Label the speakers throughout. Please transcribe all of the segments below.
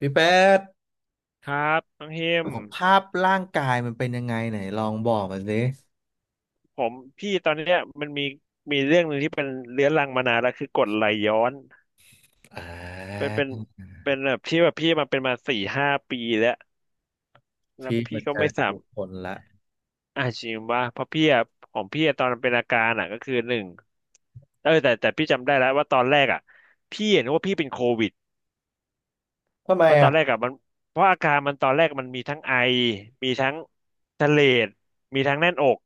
Speaker 1: พี่แป๊ด
Speaker 2: ครับน้องเฮ
Speaker 1: สุ
Speaker 2: ม
Speaker 1: ขภาพร่างกายมันเป็นยังไงไหนลองบอกมาสิ
Speaker 2: ผมพี่ตอนเนี้ยมันมีเรื่องหนึ่งที่เป็นเรื้อรังมานานแล้วคือกรดไหลย้อน
Speaker 1: อ่
Speaker 2: เป็น
Speaker 1: า
Speaker 2: เป็นเป็นแบบที่แบบพี่มาเป็นมาสี่ห้าปีแล้วแล้ว
Speaker 1: พี่
Speaker 2: พี่
Speaker 1: มา
Speaker 2: ก็
Speaker 1: เจ
Speaker 2: ไม่
Speaker 1: อ
Speaker 2: สาม
Speaker 1: ผู้คนละ
Speaker 2: อาจจริงว่าเพราะพี่อะของพี่อะตอนเป็นอาการอ่ะก็คือหนึ่งแต่พี่จำได้แล้วว่าตอนแรกอ่ะพี่เห็นว่าพี่เป็นโควิด
Speaker 1: ทำไม
Speaker 2: เพราะตอ
Speaker 1: อ่ะ
Speaker 2: นแรกอะมันเพราะอาการมันตอนแรกมันมีทั้งไอมีทั้งทะเลดมีทั้งแน่นอก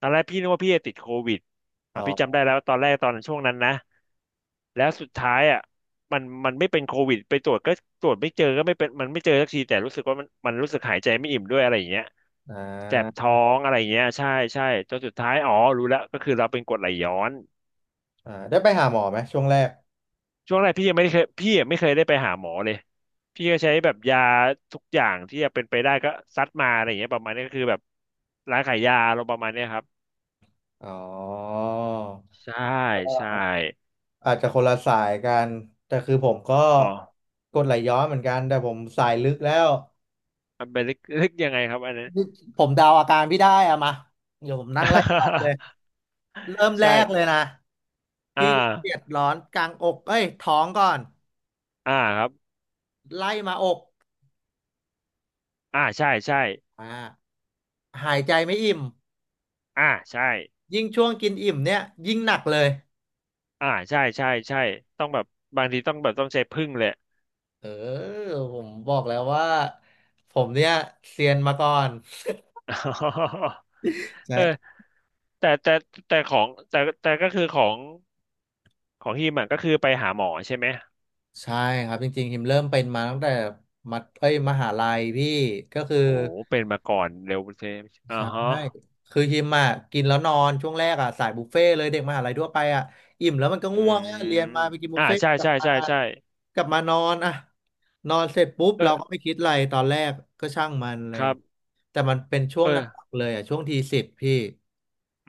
Speaker 2: ตอนแรกพี่นึกว่าพี่จะติดโควิด
Speaker 1: อ๋
Speaker 2: อ่ะ
Speaker 1: อ
Speaker 2: พี่จำได้แล้วตอนแรกตอนช่วงนั้นนะแล้วสุดท้ายอะมันไม่เป็นโควิดไปตรวจก็ตรวจไม่เจอก็ไม่เป็นมันไม่เจอสักทีแต่รู้สึกว่ามันรู้สึกหายใจไม่อิ่มด้วยอะไรอย่างเงี้ย
Speaker 1: อ่
Speaker 2: แสบ
Speaker 1: า
Speaker 2: ท้องอะไรอย่างเงี้ยใช่ใช่จนสุดท้ายอ๋อรู้แล้วก็คือเราเป็นกรดไหลย้อน
Speaker 1: อ่าได้ไปหาหมอไหมช่วงแรก
Speaker 2: ช่วงแรกพี่ยังไม่เคยได้ไปหาหมอเลยพี่ก็ใช้แบบยาทุกอย่างที่จะเป็นไปได้ก็ซัดมาอะไรอย่างเงี้ยประมาณนี้ก็คือแบบร้านขายยาเราประมาณเนี้ยครับ
Speaker 1: อ๋อ
Speaker 2: ใช่ใช่
Speaker 1: อาจจะคนละสายกัน แต่คือผมก็
Speaker 2: อ๋อ
Speaker 1: กรดไหลย้อนเหมือนกัน แต่ผมสายลึกแล้ว
Speaker 2: มันเป็นลึกยังไงครับอันนั้น
Speaker 1: ผมเดาอาการพี่ได้อะมาเดี๋ยวผมนั่งไล่ตอบเลย เริ่มแร
Speaker 2: ใช่
Speaker 1: กเลยนะ
Speaker 2: อ่า
Speaker 1: พี่เจ็บร้อนกลางอกเอ้ยท้องก่อน
Speaker 2: อ่าครับ
Speaker 1: ไล่มาอก
Speaker 2: อ่าใช่ใช่
Speaker 1: อ่าหายใจไม่อิ่ม
Speaker 2: อ่าใช่
Speaker 1: ยิ่งช่วงกินอิ่มเนี่ยยิ่งหนักเลย
Speaker 2: อ่าใช่ใช่ใช่ต้องแบบบางทีต้องใช้พึ่งเลย
Speaker 1: เออผมบอกแล้วว่าผมเนี่ยเซียนมาก่อน
Speaker 2: เออ
Speaker 1: ใช่
Speaker 2: แต่แต่แต่ก็คือของของฮิมอ่ะก็คือไปหาหมอใช่ไหม
Speaker 1: ใช่ครับจริงๆหิมเริ่มเป็นมาตั้งแต่มัธเอ้ยมหาลัยพี่ก็คือ
Speaker 2: โอ้เป็นมาก่อนเร็วเทมอ่า
Speaker 1: ใช่
Speaker 2: ฮะ
Speaker 1: คือฮิมอ่ะกินแล้วนอนช่วงแรกอ่ะสายบุฟเฟ่ต์เลยเด็กมหาลัยทั่วไปอ่ะอิ่มแล้วมันก็
Speaker 2: อื
Speaker 1: ง่วง
Speaker 2: ม
Speaker 1: อ่ะเรียนมาไปกินบุ
Speaker 2: อ่า
Speaker 1: ฟเฟ่ต์
Speaker 2: ใช่
Speaker 1: กลับ
Speaker 2: ใช่
Speaker 1: มา
Speaker 2: ใช่ใช่
Speaker 1: นอนอ่ะนอนเสร็จปุ๊บ
Speaker 2: เอ
Speaker 1: เราก็
Speaker 2: อ
Speaker 1: ไม่คิดอะไรตอนแรกก็ช่างมันเล
Speaker 2: ค
Speaker 1: ย
Speaker 2: รับ
Speaker 1: แต่มันเป็นช่วงหนั
Speaker 2: เออ
Speaker 1: กๆเลยอ่ะช่วงทีสิบพี่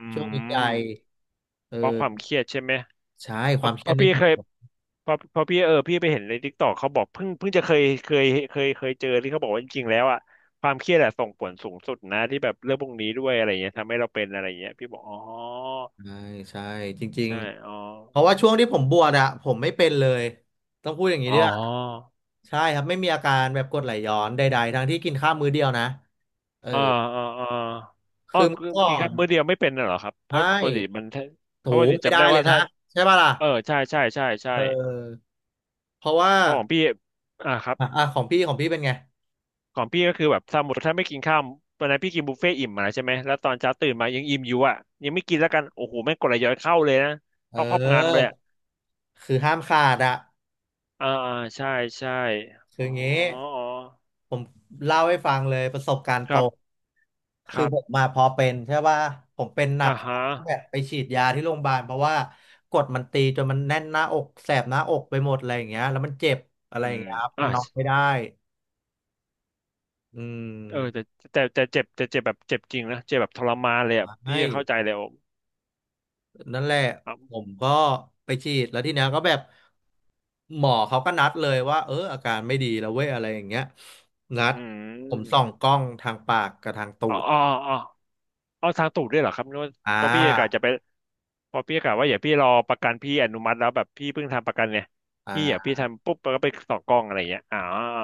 Speaker 2: อื
Speaker 1: ช่วงวิจัย
Speaker 2: ม
Speaker 1: เออ
Speaker 2: เพราะความเครียดใช่ไหม
Speaker 1: ใช่ค
Speaker 2: เพ
Speaker 1: วา
Speaker 2: ราะ
Speaker 1: มเค
Speaker 2: เพ
Speaker 1: รียด
Speaker 2: ราะ
Speaker 1: นี่
Speaker 2: พี่
Speaker 1: มี
Speaker 2: เคย
Speaker 1: ผล
Speaker 2: เพราะพี่พี่ไปเห็นในทิกตอกเขาบอกเพิ่งเพิ่งจะเคยเจอที่เขาบอกว่าจริงๆแล้วอ่ะความเครียดอะส่งผลสูงสุดนะที่แบบเรื่องพวกนี้ด้วยอะไรเงี้ยทำให้เราเป็นอะไรเงี้ยพี่บอกอ๋อ
Speaker 1: ใช่ใช่จริง
Speaker 2: ใช่อ๋อ
Speaker 1: ๆเพราะว่าช่วงที่ผมบวชอะผมไม่เป็นเลยต้องพูดอย่างนี้
Speaker 2: อ๋อ
Speaker 1: ด้วย ใช่ครับไม่มีอาการแบบกรดไหลย้อนใดๆทั้งที่กินข้าวมื้อเดียวนะเออ
Speaker 2: อ่าอ่าอ่าอ๋อ
Speaker 1: คือเมื่
Speaker 2: คื
Speaker 1: อ
Speaker 2: อ
Speaker 1: ก่
Speaker 2: กิ
Speaker 1: อ
Speaker 2: นข้า
Speaker 1: น
Speaker 2: วมื้อเดียวไม่เป็นน่ะเหรอครับเพราะ
Speaker 1: ใช่
Speaker 2: ปกติมันถ้าเพ
Speaker 1: ถู
Speaker 2: ราะปกติ
Speaker 1: ไม่
Speaker 2: จำ
Speaker 1: ได้
Speaker 2: ได้
Speaker 1: เล
Speaker 2: ว่า
Speaker 1: ยนะ
Speaker 2: ถ้า
Speaker 1: ใช่ป่ะล่ะ
Speaker 2: เออใช่ใช่ใช่ใช่
Speaker 1: เออเพราะว่า
Speaker 2: เพราะของพี่อ่าครับ
Speaker 1: อ่ะอ่ะของพี่เป็นไง
Speaker 2: ของพี่ก็คือแบบสมมติถ้าไม่กินข้าววันนั้นพี่กินบุฟเฟ่ต์อิ่มมาใช่ไหมแล้วตอนเช้าตื่นมายังอิ่มอยู่อ่ะยังไม่กินแล้วกันโอ้โหแม่งกดไหลย้อนเข้าเลยนะ
Speaker 1: เ
Speaker 2: เข้าครอบงานมาเล
Speaker 1: ออ
Speaker 2: ยอะ
Speaker 1: คือห้ามขาดอะ
Speaker 2: อ่าอ่าใช่ใช่
Speaker 1: คื
Speaker 2: อ๋อ
Speaker 1: องี้
Speaker 2: อ๋อ
Speaker 1: ผมเล่าให้ฟังเลยประสบการณ์
Speaker 2: ค
Speaker 1: ตร
Speaker 2: รับ
Speaker 1: ง
Speaker 2: ค
Speaker 1: คือ
Speaker 2: รั
Speaker 1: ผม
Speaker 2: บ
Speaker 1: มาพอเป็นใช่ป่ะผมเป็นหนัก
Speaker 2: อ่าฮะ
Speaker 1: แบบไปฉีดยาที่โรงพยาบาลเพราะว่ากดมันตีจนมันแน่นหน้าอกแสบหน้าอกไปหมดอะไรอย่างเงี้ยแล้วมันเจ็บอะไร
Speaker 2: อื
Speaker 1: อย่า
Speaker 2: ม
Speaker 1: งเงี้ยครับ
Speaker 2: อ่า
Speaker 1: นอนไม่ได้ อื
Speaker 2: เออแต่
Speaker 1: ม
Speaker 2: แต่เจ็บแบบเจ็บจริงนะเจ็บแบบทรมานเลยอ่ะพี่
Speaker 1: ให้
Speaker 2: เข้าใจเลย
Speaker 1: นั่นแหละ
Speaker 2: อ๋อ
Speaker 1: ผมก็ไปฉีดแล้วทีเนี้ยก็แบบหมอเขาก็นัดเลยว่าเอออาการไม่ดีแล้วเว้ยอะไรอย่างเงี้ยนัด
Speaker 2: อื
Speaker 1: ผมส่อง
Speaker 2: ม
Speaker 1: กล้องทางปากกับทางตู
Speaker 2: อ๋อ
Speaker 1: ด
Speaker 2: อ๋ออ๋อเอาทางตูดด้วยเหรอครับนึกว่า
Speaker 1: อ่
Speaker 2: เพราะพี่กะ
Speaker 1: า
Speaker 2: จะไปเพอพี่กะว่าอย่าพี่รอประกันพี่อนุมัติแล้วแบบพี่เพิ่งทำประกันเนี่ยพี่อย่าพี่
Speaker 1: อ่า
Speaker 2: ทำปุ๊บแล้วก็ไปต่อกล้องอะไรอย่างเงี้ยอ๋อ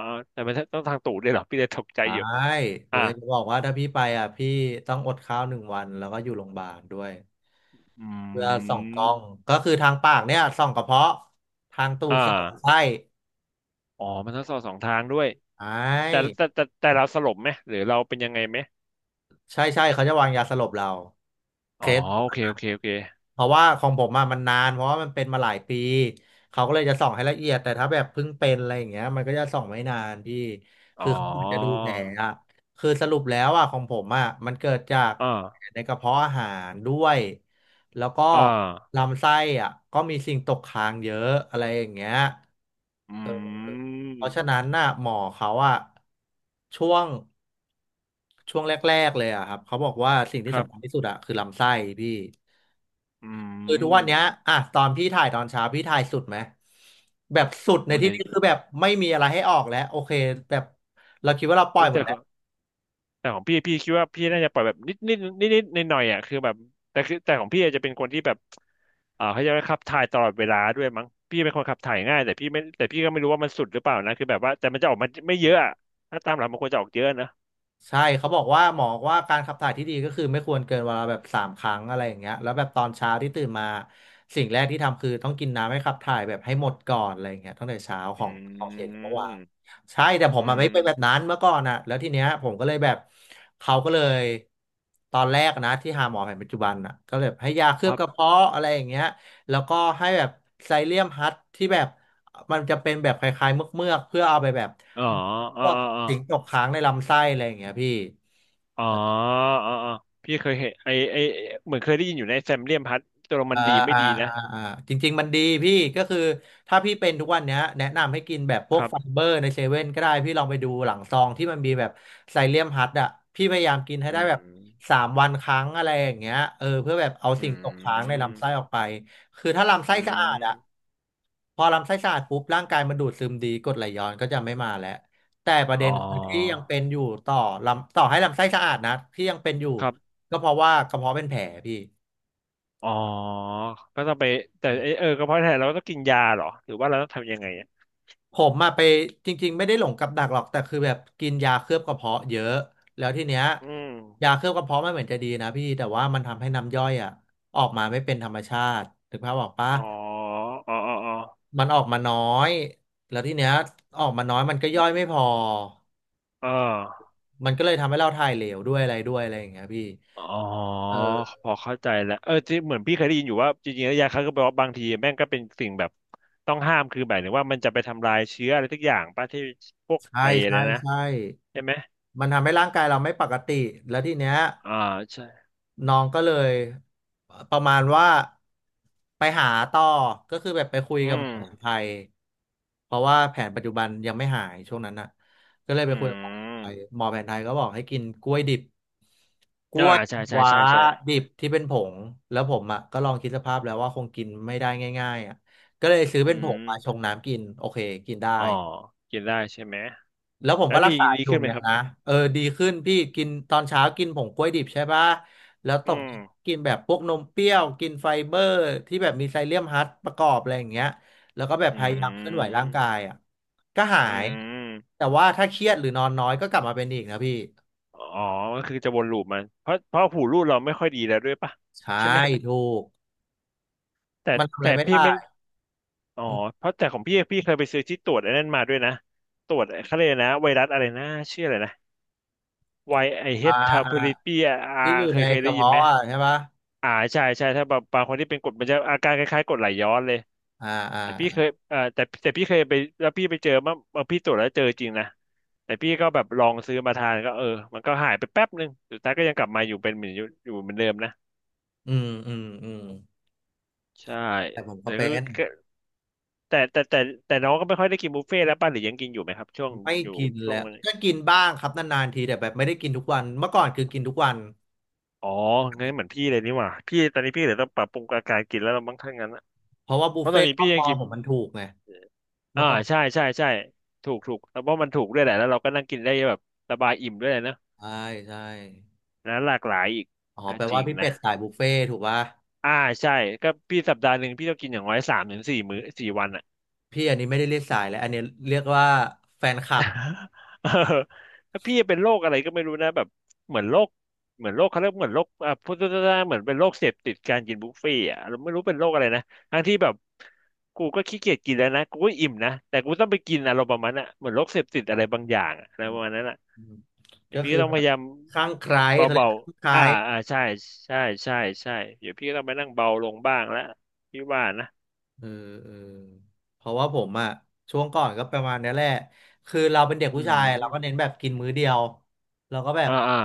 Speaker 2: อ๋อแต่มันต้องทางตูดด้วยเหรอพี่เลยตกใจ
Speaker 1: ใช่
Speaker 2: อยู่
Speaker 1: ผ
Speaker 2: อ่า
Speaker 1: มอยากจะบอกว่าถ้าพี่ไปอ่ะพี่ต้องอดข้าวหนึ่งวันแล้วก็อยู่โรงพยาบาลด้วย
Speaker 2: อื
Speaker 1: เพื่อส่องกล้อง
Speaker 2: ม
Speaker 1: ก็คือทางปากเนี่ยส่องกระเพาะทางตู
Speaker 2: อ่
Speaker 1: ดส่องลำไส้
Speaker 2: าอ๋อมันต้องสอบสองทางด้วย
Speaker 1: ใช
Speaker 2: แต่
Speaker 1: ่
Speaker 2: แต่เราสลบไหมหรือเราเป็นยังไงไหม
Speaker 1: ใช่ใช่เขาจะวางยาสลบเราเค
Speaker 2: อ๋อ
Speaker 1: ส
Speaker 2: โอเคโอเคโอเค
Speaker 1: เพราะว่าของผมอะมันนานเพราะว่ามันเป็นมาหลายปีเขาก็เลยจะส่องให้ละเอียดแต่ถ้าแบบเพิ่งเป็นอะไรอย่างเงี้ยมันก็จะส่องไม่นานพี่คื
Speaker 2: อ๋อ
Speaker 1: อเขาเหมือนจะดูแผลอะคือสรุปแล้วอะของผมอะมันเกิดจากแผล
Speaker 2: อ่า
Speaker 1: ในกระเพาะอาหารด้วยแล้วก็
Speaker 2: อ่า
Speaker 1: ลำไส้อะก็มีสิ่งตกค้างเยอะอะไรอย่างเงี้ย
Speaker 2: อื
Speaker 1: เพราะฉะ
Speaker 2: ม
Speaker 1: นั้นน่ะหมอเขาอะช่วงช่วงแรกๆเลยอะครับเขาบอกว่าสิ่ง
Speaker 2: ค
Speaker 1: ที่
Speaker 2: รั
Speaker 1: สำคัญ
Speaker 2: บ
Speaker 1: ที่สุดอะคือลำไส้พี่
Speaker 2: อื
Speaker 1: คือทุกวันเนี้ย
Speaker 2: ม
Speaker 1: อ่ะตอนพี่ถ่ายตอนเช้าพี่ถ่ายสุดไหมแบบสุดใน
Speaker 2: โอ้ย
Speaker 1: ที่นี้คือแบบไม่มีอะไรให้ออกแล้วโอเคแบบเราคิดว่าเราปล่อ
Speaker 2: โอ้
Speaker 1: ย
Speaker 2: ย
Speaker 1: หม
Speaker 2: แต่
Speaker 1: ด
Speaker 2: ข
Speaker 1: แล้ว
Speaker 2: องแต่ของพี่พี่คิดว่าพี่น่าจะปล่อยแบบนิดนิดนิดนิดหน่อยหน่อยอ่ะคือแบบแต่ของพี่อาจจะเป็นคนที่แบบอ่าเขาจะขับถ่ายตลอดเวลาด้วยมั้งพี่เป็นคนขับถ่ายง่ายแต่พี่ไม่แต่พี่ก็ไม่รู้ว่ามันสุดหรือเปล่านะคือแบบว่าแต่มันจะออกมาไม่เยอะอะถ้าตามหลักมันควรจะออกเยอะนะ
Speaker 1: ใช่เขาบอกว่าหมอว่าการขับถ่ายที่ดีก็คือไม่ควรเกินวันละแบบสามครั้งอะไรอย่างเงี้ยแล้วแบบตอนเช้าที่ตื่นมาสิ่งแรกที่ทำคือต้องกินน้ำให้ขับถ่ายแบบให้หมดก่อนอะไรอย่างเงี้ยตั้งแต่เช้า
Speaker 2: อ
Speaker 1: ของ
Speaker 2: ื
Speaker 1: เสียจากเมื่อวาน
Speaker 2: ม
Speaker 1: ใช่แต่ผม
Speaker 2: อื
Speaker 1: มาไม่
Speaker 2: ม
Speaker 1: เป็นแบบนั้นเมื่อก่อนอ่ะแล้วทีเนี้ยผมก็เลยแบบเขาก็เลยตอนแรกนะที่หาหมอแผนปัจจุบันอ่ะก็เลยให้ยาเค
Speaker 2: ค
Speaker 1: ลือบ
Speaker 2: รั
Speaker 1: กระ
Speaker 2: บ
Speaker 1: เพาะอะไรอย่างเงี้ยแล้วก็ให้แบบไซเลียมฮัทที่แบบมันจะเป็นแบบคล้ายๆเมือกๆเพื่อเอาไปแบบ
Speaker 2: อ๋ออ๋
Speaker 1: พ
Speaker 2: อ
Speaker 1: วก
Speaker 2: อ๋ออ๋อ
Speaker 1: สิงตกค้างในลำไส้อะไรอย่างเงี้ยพี่
Speaker 2: อ๋ออ๋อพี่เคยเห็นไอไอเหมือนเคยได้ยินอยู่ในแซมเลียมพัดตัวมั
Speaker 1: อ่า
Speaker 2: นดีไม่
Speaker 1: อ่า
Speaker 2: ดีนะ
Speaker 1: อ่าจริงๆมันดีพี่ก็คือถ้าพี่เป็นทุกวันเนี้ยแนะนำให้กินแบบพ
Speaker 2: ค
Speaker 1: วก
Speaker 2: รั
Speaker 1: ไฟ
Speaker 2: บ
Speaker 1: เบอร์ในเซเว่นก็ได้พี่ลองไปดูหลังซองที่มันมีแบบไซเลียมฮัดอะพี่พยายามกินให้
Speaker 2: อื
Speaker 1: ได้แบบ
Speaker 2: ม
Speaker 1: สามวันครั้งอะไรอย่างเงี้ยเออเพื่อแบบเอา
Speaker 2: อื
Speaker 1: สิ่งตกค้างในลำไส้อ
Speaker 2: ม
Speaker 1: อกไปคือถ้าลำไส้
Speaker 2: อื
Speaker 1: สะอาดอะ
Speaker 2: ม
Speaker 1: พอลำไส้สะอาดปุ๊บร่างกายมันดูดซึมดีกรดไหลย้อนก็จะไม่มาแล้วแต่ประเด็
Speaker 2: อ๋อ
Speaker 1: นคือที่ยังเป็นอยู่ต่อลำต่อให้ลำไส้สะอาดนะที่ยังเป็นอยู่
Speaker 2: ครับ
Speaker 1: ก็เพราะว่ากระเพาะเป็นแผลพี่
Speaker 2: อ๋อก็ต้องไปแต่เอกระเพาะอาหารเราก็ต้องกินยาเหรอหรือว่าเราต้องทำยังไงอะ
Speaker 1: ผมมาไปจริงๆไม่ได้หลงกับดักหรอกแต่คือแบบกินยาเคลือบกระเพาะเยอะแล้วทีเนี้ย
Speaker 2: อืม
Speaker 1: ยาเคลือบกระเพาะมันเหมือนจะดีนะพี่แต่ว่ามันทำให้น้ำย่อยอ่ะออกมาไม่เป็นธรรมชาติถึงภาพออกปะ
Speaker 2: อ๋ออ๋ออ๋ออ๋อ
Speaker 1: มันออกมาน้อยแล้วทีเนี้ยออกมาน้อยมันก็ย่อยไม่พอ
Speaker 2: เออ
Speaker 1: มันก็เลยทำให้เราถ่ายเหลวด้วยอะไรด้วยอะไรอย่างเงี้ยพี่
Speaker 2: อ๋อ
Speaker 1: เออ
Speaker 2: พอเข้าใจแล้วที่เหมือนพี่เคยได้ยินอยู่ว่าจริงๆแล้วยาฆ่าก็แปลว่าบางทีแม่งก็เป็นสิ่งแบบต้องห้าม คือแบบนึงว่ามันจะไปทำลายเชื้ออะไรทุกอย่างป่ะที่พวก
Speaker 1: ใช่
Speaker 2: ไอ้อะไร
Speaker 1: ใช่
Speaker 2: นะ
Speaker 1: ใช่
Speaker 2: ใช่ไหม
Speaker 1: มันทำให้ร่างกายเราไม่ปกติแล้วทีเนี้ย
Speaker 2: อ่าใช่
Speaker 1: น้องก็เลยประมาณว่าไปหาต่อก็คือแบบไปคุย
Speaker 2: อื
Speaker 1: กับหม
Speaker 2: ม
Speaker 1: อสมุนไพรเพราะว่าแผนปัจจุบันยังไม่หายช่วงนั้นน่ะก็เลย
Speaker 2: อื
Speaker 1: ไปคุยกับหมอแผนไทย
Speaker 2: ม
Speaker 1: หมอแผนไทยก็บอกให้กินกล้วยดิบกล้
Speaker 2: อ่า
Speaker 1: วย
Speaker 2: ใช่ใช่
Speaker 1: ว้า
Speaker 2: ใช่ใช่
Speaker 1: ดิบที่เป็นผงแล้วผมอ่ะก็ลองคิดสภาพแล้วว่าคงกินไม่ได้ง่ายๆอ่ะก็เลยซื้อ
Speaker 2: อื
Speaker 1: เป็นผงมาชง
Speaker 2: ม
Speaker 1: น้ำกินโอเคกินได้
Speaker 2: อ๋อกินได้ใช่ไหม
Speaker 1: แล้วผม
Speaker 2: แล้
Speaker 1: ก็
Speaker 2: ว
Speaker 1: รักษา
Speaker 2: ดี
Speaker 1: อยู่
Speaker 2: ขึ้
Speaker 1: อ
Speaker 2: น
Speaker 1: ย่า
Speaker 2: ไห
Speaker 1: ง
Speaker 2: ม
Speaker 1: เงี้
Speaker 2: ค
Speaker 1: ย
Speaker 2: รับ
Speaker 1: นะเออดีขึ้นพี่กินตอนเช้ากินผงกล้วยดิบใช่ปะแล้วต
Speaker 2: อื
Speaker 1: ก
Speaker 2: ม
Speaker 1: กินแบบพวกนมเปรี้ยวกินไฟเบอร์ที่แบบมีไซเลียมฮัสประกอบอะไรอย่างเงี้ยแล้วก็แบบ
Speaker 2: อื
Speaker 1: พยายามเคลื่อนไหวร่างกาย
Speaker 2: ม
Speaker 1: อ่ะก็หา
Speaker 2: อื
Speaker 1: ย
Speaker 2: ม
Speaker 1: แต่ว่าถ้าเครียดหรือนอนน้อยก็กลับมาเป็นอีกนะพี่
Speaker 2: อ๋อก็คือจะวนลูปมันเพราะหูรูดเราไม่ค่อยดีแล้วด้วยป่ะ
Speaker 1: ใช่
Speaker 2: ใช่ไหม
Speaker 1: ถูก
Speaker 2: แต่
Speaker 1: มันทำอะไร
Speaker 2: แต่
Speaker 1: ไม่
Speaker 2: พี่
Speaker 1: ได้
Speaker 2: ไม่อ๋อ
Speaker 1: อืม
Speaker 2: เพราะแต่ของพี่เคยไปซื้อที่ตรวจไอ้นั่นมาด้วยนะตรวจเขาเรียกอะไรนะไวรัสอะไรนะชื่ออะไรนะไวไอเฮ
Speaker 1: อ่า
Speaker 2: ทาโพ
Speaker 1: อ่า
Speaker 2: ลิปีอา
Speaker 1: ที่อยู่
Speaker 2: เค
Speaker 1: ใน
Speaker 2: ยเคย
Speaker 1: ก
Speaker 2: ได้
Speaker 1: ระ
Speaker 2: ยินไห
Speaker 1: เพาะ
Speaker 2: ม
Speaker 1: อะใช่ปะ
Speaker 2: อ่าใช่ใช่ถ้าแบบบางคนที่เป็นกรดมันจะอาการคล้ายๆกรดไหลย้อนเลย
Speaker 1: อ่าอ่า
Speaker 2: แต่พี่เค
Speaker 1: อ
Speaker 2: ยแต่พี่เคยไปแล้วพี่ไปเจอเมื่อพี่ตรวจแล้วเจอจริงนะแต่พี่ก็แบบลองซื้อมาทานก็เออมันก็หายไปแป๊บนึงสุดท้ายก็ยังกลับมาอยู่เป็นเหมือนอยู่เหมือนเดิมนะ
Speaker 1: อืมอืมอืม
Speaker 2: ใช่
Speaker 1: แต่ผมก็
Speaker 2: แต่
Speaker 1: เป็
Speaker 2: ก็
Speaker 1: น
Speaker 2: แต่แต่แต่แต่น้องก็ไม่ค่อยได้กินบุฟเฟ่ต์แล้วป่ะหรือยังกินอยู่ไหมครับช่วง
Speaker 1: ไม่
Speaker 2: อยู่
Speaker 1: กิน
Speaker 2: ช่
Speaker 1: แล้
Speaker 2: วง
Speaker 1: ว
Speaker 2: นี้
Speaker 1: ก็กินบ้างครับนานๆทีแต่แบบไม่ได้กินทุกวันเมื่อก่อนคือกินทุกวัน
Speaker 2: อ๋องั้นเหมือนพี่เลยนี่หว่าพี่ตอนนี้พี่เดยต้องปรับปรุงอาการกินแล้วเราบ้างถ้างั้นนะ
Speaker 1: เพราะว่าบุ
Speaker 2: เพ
Speaker 1: ฟ
Speaker 2: ราะตอ
Speaker 1: เฟ่
Speaker 2: น
Speaker 1: ต์
Speaker 2: นี้
Speaker 1: รอ
Speaker 2: พี่
Speaker 1: บ
Speaker 2: ยั
Speaker 1: ม
Speaker 2: ง
Speaker 1: อ
Speaker 2: กิน
Speaker 1: ผมมันถูกไง
Speaker 2: อ่า
Speaker 1: เมื่อก่อน
Speaker 2: ใช่ใช่ใช่ถูกถูกแล้วเพราะมันถูกด้วยแหละแล้วเราก็นั่งกินได้แบบสบายอิ่มด้วยนะ
Speaker 1: ใช่ใช่
Speaker 2: นะหลากหลายอีก
Speaker 1: อ๋อ
Speaker 2: อ่ะ
Speaker 1: แปล
Speaker 2: จ
Speaker 1: ว่า
Speaker 2: ริง
Speaker 1: พี่เป็ด
Speaker 2: นะ
Speaker 1: สายบุฟเฟ่ต์ถูกป่ะ
Speaker 2: อ่าใช่ก็พี่สัปดาห์หนึ่งพี่ต้องกินอย่างน้อยสามถึงสี่มื้อสี่วันอ่ะ
Speaker 1: พี่อันนี้ไม่ได้เรียกสายแล้วอันนี้เรียกว่าแฟนค ลับ
Speaker 2: เออแล้วพี่เป็นโรคอะไรก็ไม่รู้นะแบบเหมือนโรคเหมือนโรคเขาเรียกเหมือนโรคอ่ะพูดง่ายๆเหมือนเป็นโรคเสพติดการกินบุฟเฟ่ต์อ่ะเราไม่รู้เป็นโรคอะไรนะทั้งที่แบบกูก็ขี้เกียจกินแล้วนะกูก็อิ่มนะแต่กูต้องไปกินอารมณ์ประมาณน่ะเหมือนโรคเสพติดอะไรบางอย่างอะอะไรประมาณนั้นอะ
Speaker 1: อืม
Speaker 2: เดี๋ย
Speaker 1: ก็
Speaker 2: วพี่
Speaker 1: คื
Speaker 2: ก็
Speaker 1: อ
Speaker 2: ต้อง
Speaker 1: แบ
Speaker 2: พ
Speaker 1: บ
Speaker 2: ยายาม
Speaker 1: ข้างใครเขาเรีย
Speaker 2: เบา
Speaker 1: กข้างใค
Speaker 2: ๆ
Speaker 1: ร
Speaker 2: อ่าอ่าใช่ใช่ใช่ใช่เดี๋ยวพี่ก็ต้องไปนั่งเบาลงบ้างแล้วพี่ว่านะ
Speaker 1: เออเออเพราะว่าผมอะช่วงก่อนก็ประมาณนี้แหละคือเราเป็นเด็ก
Speaker 2: อื
Speaker 1: ผู้ชายเราก็เน้
Speaker 2: ม
Speaker 1: นแบบกินมื้อเดียวเราก็แบบ
Speaker 2: อ่าอ่า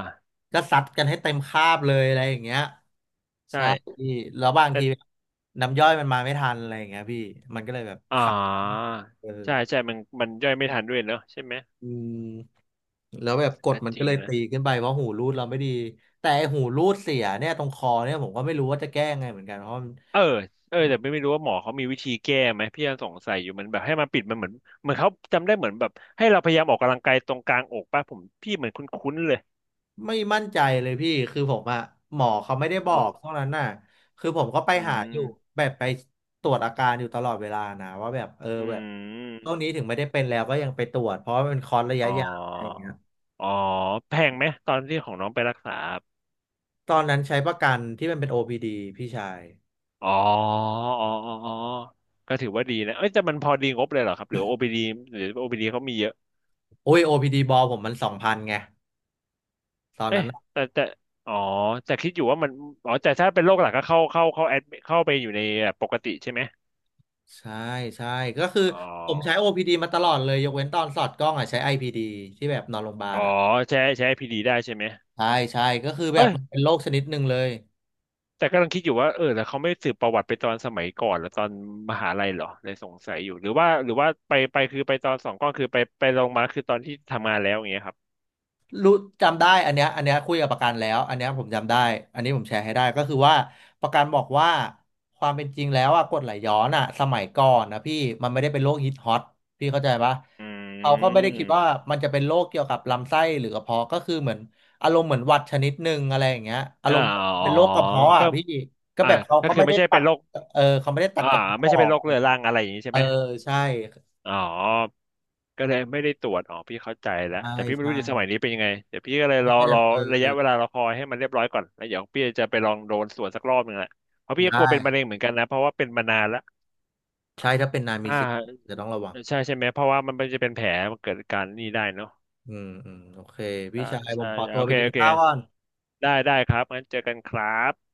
Speaker 1: ก็ซัดกันให้เต็มคาบเลยอะไรอย่างเงี้ยใช่
Speaker 2: ใช่
Speaker 1: แล้วบาง
Speaker 2: แต่
Speaker 1: ทีน้ำย่อยมันมาไม่ทันอะไรอย่างเงี้ยพี่มันก็เลยแบบ
Speaker 2: อ่
Speaker 1: ขัง
Speaker 2: า
Speaker 1: เออ
Speaker 2: ใช่ ใช่มันย่อยไม่ทันด้วยเนอะใช่ไหม
Speaker 1: อืมแล้วแบบกด
Speaker 2: ก็
Speaker 1: มัน
Speaker 2: จ
Speaker 1: ก็
Speaker 2: ริง
Speaker 1: เลย
Speaker 2: นะ
Speaker 1: ตีขึ้นไปเพราะหูรูดเราไม่ดีแต่ไอ้หูรูดเสียเนี่ยตรงคอเนี่ยผมก็ไม่รู้ว่าจะแก้ไงเหมือนกันเพราะมัน
Speaker 2: เออเออแต่ไม่รู้ว่าหมอเขามีวิธีแก้ไหม พี่ยังสงสัยอยู่มันแบบให้มันปิดมันเหมือนเขาจำได้เหมือนแบบให้เราพยายามออกกำลังกายตรงกลางอกป่ะผมพี่เหมือนคุ้นๆเลย
Speaker 1: ไม่มั่นใจเลยพี่คือผมอะหมอเขาไม่ได้บอ
Speaker 2: เหมือ
Speaker 1: ก
Speaker 2: น
Speaker 1: เท่านั้นน่ะคือผมก็ไป
Speaker 2: อื
Speaker 1: หาอยู่
Speaker 2: ม
Speaker 1: แบบไปตรวจอาการอยู่ตลอดเวลานะว่าแบบเออ
Speaker 2: อื
Speaker 1: แบบช่วง
Speaker 2: ม
Speaker 1: นี้ถึงไม่ได้เป็นแล้วก็ยังไปตรวจเพราะว่ามันเป็นคอร์สระ
Speaker 2: อ๋
Speaker 1: ยะ
Speaker 2: อ
Speaker 1: ยาวอะไรอย่างเงี้ย
Speaker 2: อ๋อแพงไหมตอนที่ของน้องไปรักษาครับ
Speaker 1: ตอนนั้นใช้ประกันที่มันเป็น OPD พีดีพี่ชาย
Speaker 2: อ๋ออ๋ออ๋ออ๋อก็ถือว่าดีนะ เอ้ยแต่มันพอดีงบเลยเหรอครับหรือ OPD หรือโอพีดีเขามีเยอะ
Speaker 1: โอ้ย OPD บอลผมมัน2,000ไงตอน
Speaker 2: เอ้
Speaker 1: นั้
Speaker 2: ย
Speaker 1: นน่ะ
Speaker 2: แต่อ๋อแต่คิดอยู่ว่ามัน อ๋อแต่ถ้าเป็นโรคหลักก็เข้าแอดเข้าไปอยู่ในแบบปกติใช่ไหม
Speaker 1: ใช่ใช่ก็คือ
Speaker 2: อ๋อ
Speaker 1: ผมใช้ OPD มาตลอดเลยยกเว้นตอนสอดกล้องอะใช้ IPD ที่แบบนอนโรงพยาบา
Speaker 2: อ๋
Speaker 1: ล
Speaker 2: อ
Speaker 1: อะ
Speaker 2: ใช้ PD ได้ใช่ไหม
Speaker 1: ใช่ใช่ก็คือแบ
Speaker 2: เอ้
Speaker 1: บ
Speaker 2: ย
Speaker 1: มันเป็นโรคชนิดหนึ่งเลย
Speaker 2: แต่กำลังคิดอยู่ว่าเออแล้วเขาไม่สืบประวัติไปตอนสมัยก่อนหรือตอนมหาลัยเหรอเลยสงสัยอยู่หรือว่าไปไปคือไปตอนสองก้อนคือไปไปลงมาคือตอนที่ทำงานแล้วอย่างเงี้ยครับ
Speaker 1: รู้จำได้อันเนี้ยอันเนี้ยคุยกับประกันแล้วอันเนี้ยผมจำได้อันนี้ผมแชร์ให้ได้ก็คือว่าประกันบอกว่าความเป็นจริงแล้วอะกรดไหลย้อนอะสมัยก่อนนะพี่มันไม่ได้เป็นโรคฮิตฮอตพี่เข้าใจปะ
Speaker 2: อื
Speaker 1: เขาก็ไม่ได้คิดว่า
Speaker 2: ม
Speaker 1: มันจะเป็นโรคเกี่ยวกับลำไส้หรือกระเพาะก็คือเหมือนอารมณ์เหมือนหวัดชนิดหนึ่งอะไรอย่างเงี้ยอา
Speaker 2: อ่า
Speaker 1: รมณ์
Speaker 2: อ๋
Speaker 1: เป็
Speaker 2: อ
Speaker 1: นโรคกระเพาะอะ
Speaker 2: ก็
Speaker 1: พี่ก็
Speaker 2: อ่า
Speaker 1: แบบเขา
Speaker 2: ก็
Speaker 1: เขา
Speaker 2: คือ
Speaker 1: ไม่
Speaker 2: ไม่
Speaker 1: ได้
Speaker 2: ใช่
Speaker 1: ตั
Speaker 2: เป็น
Speaker 1: ด
Speaker 2: โรค
Speaker 1: เออเขาไม่ได้ตัด
Speaker 2: อ่า
Speaker 1: กระเพาะ
Speaker 2: ไม่
Speaker 1: อ
Speaker 2: ใช่
Speaker 1: อ
Speaker 2: เป็น
Speaker 1: ก
Speaker 2: โรคเรื้อรังอะไรอย่างนี้ใช่
Speaker 1: เออ
Speaker 2: ไหม
Speaker 1: ใช่
Speaker 2: อ๋อก็เลยไม่ได้ตรวจอ๋อพี่เข้าใจแล้ว
Speaker 1: ใช่
Speaker 2: แต่พี่ไม่
Speaker 1: ใช่
Speaker 2: รู้ในสมัยนี้เป็นยังไงเดี๋ยวพี่ก็เลย
Speaker 1: ใช่ใช่แบ
Speaker 2: รอ
Speaker 1: บเออ
Speaker 2: ระ
Speaker 1: เออ
Speaker 2: ยะเวลารอคอยให้มันเรียบร้อยก่อนแล้วเดี๋ยวพี่จะไปลองโดนสวนสักรอบหนึ่งแหละเพราะพี่ก็
Speaker 1: ได้
Speaker 2: กลัวเป็นมะเร็งเหมือนกันนะเพราะว่าเป็นมานานแล้ว
Speaker 1: ใช่ถ้าเป็นนาย
Speaker 2: อ
Speaker 1: มีสิทธิ์
Speaker 2: ่า
Speaker 1: จะต้องระวัง
Speaker 2: ใช่ใช่ไหมเพราะว่ามันไม่จะเป็นแผลมันเกิดการนี่ได้เนาะ
Speaker 1: อืมอืมโอเคพี่
Speaker 2: ใช่
Speaker 1: ชายผ
Speaker 2: ใช่
Speaker 1: มขอ
Speaker 2: ใช่
Speaker 1: ตัว
Speaker 2: โอ
Speaker 1: ไป
Speaker 2: เค
Speaker 1: กิน
Speaker 2: โอเค
Speaker 1: ข้าวก่อน
Speaker 2: ได้ได้ครับงั้นเจอกันครับ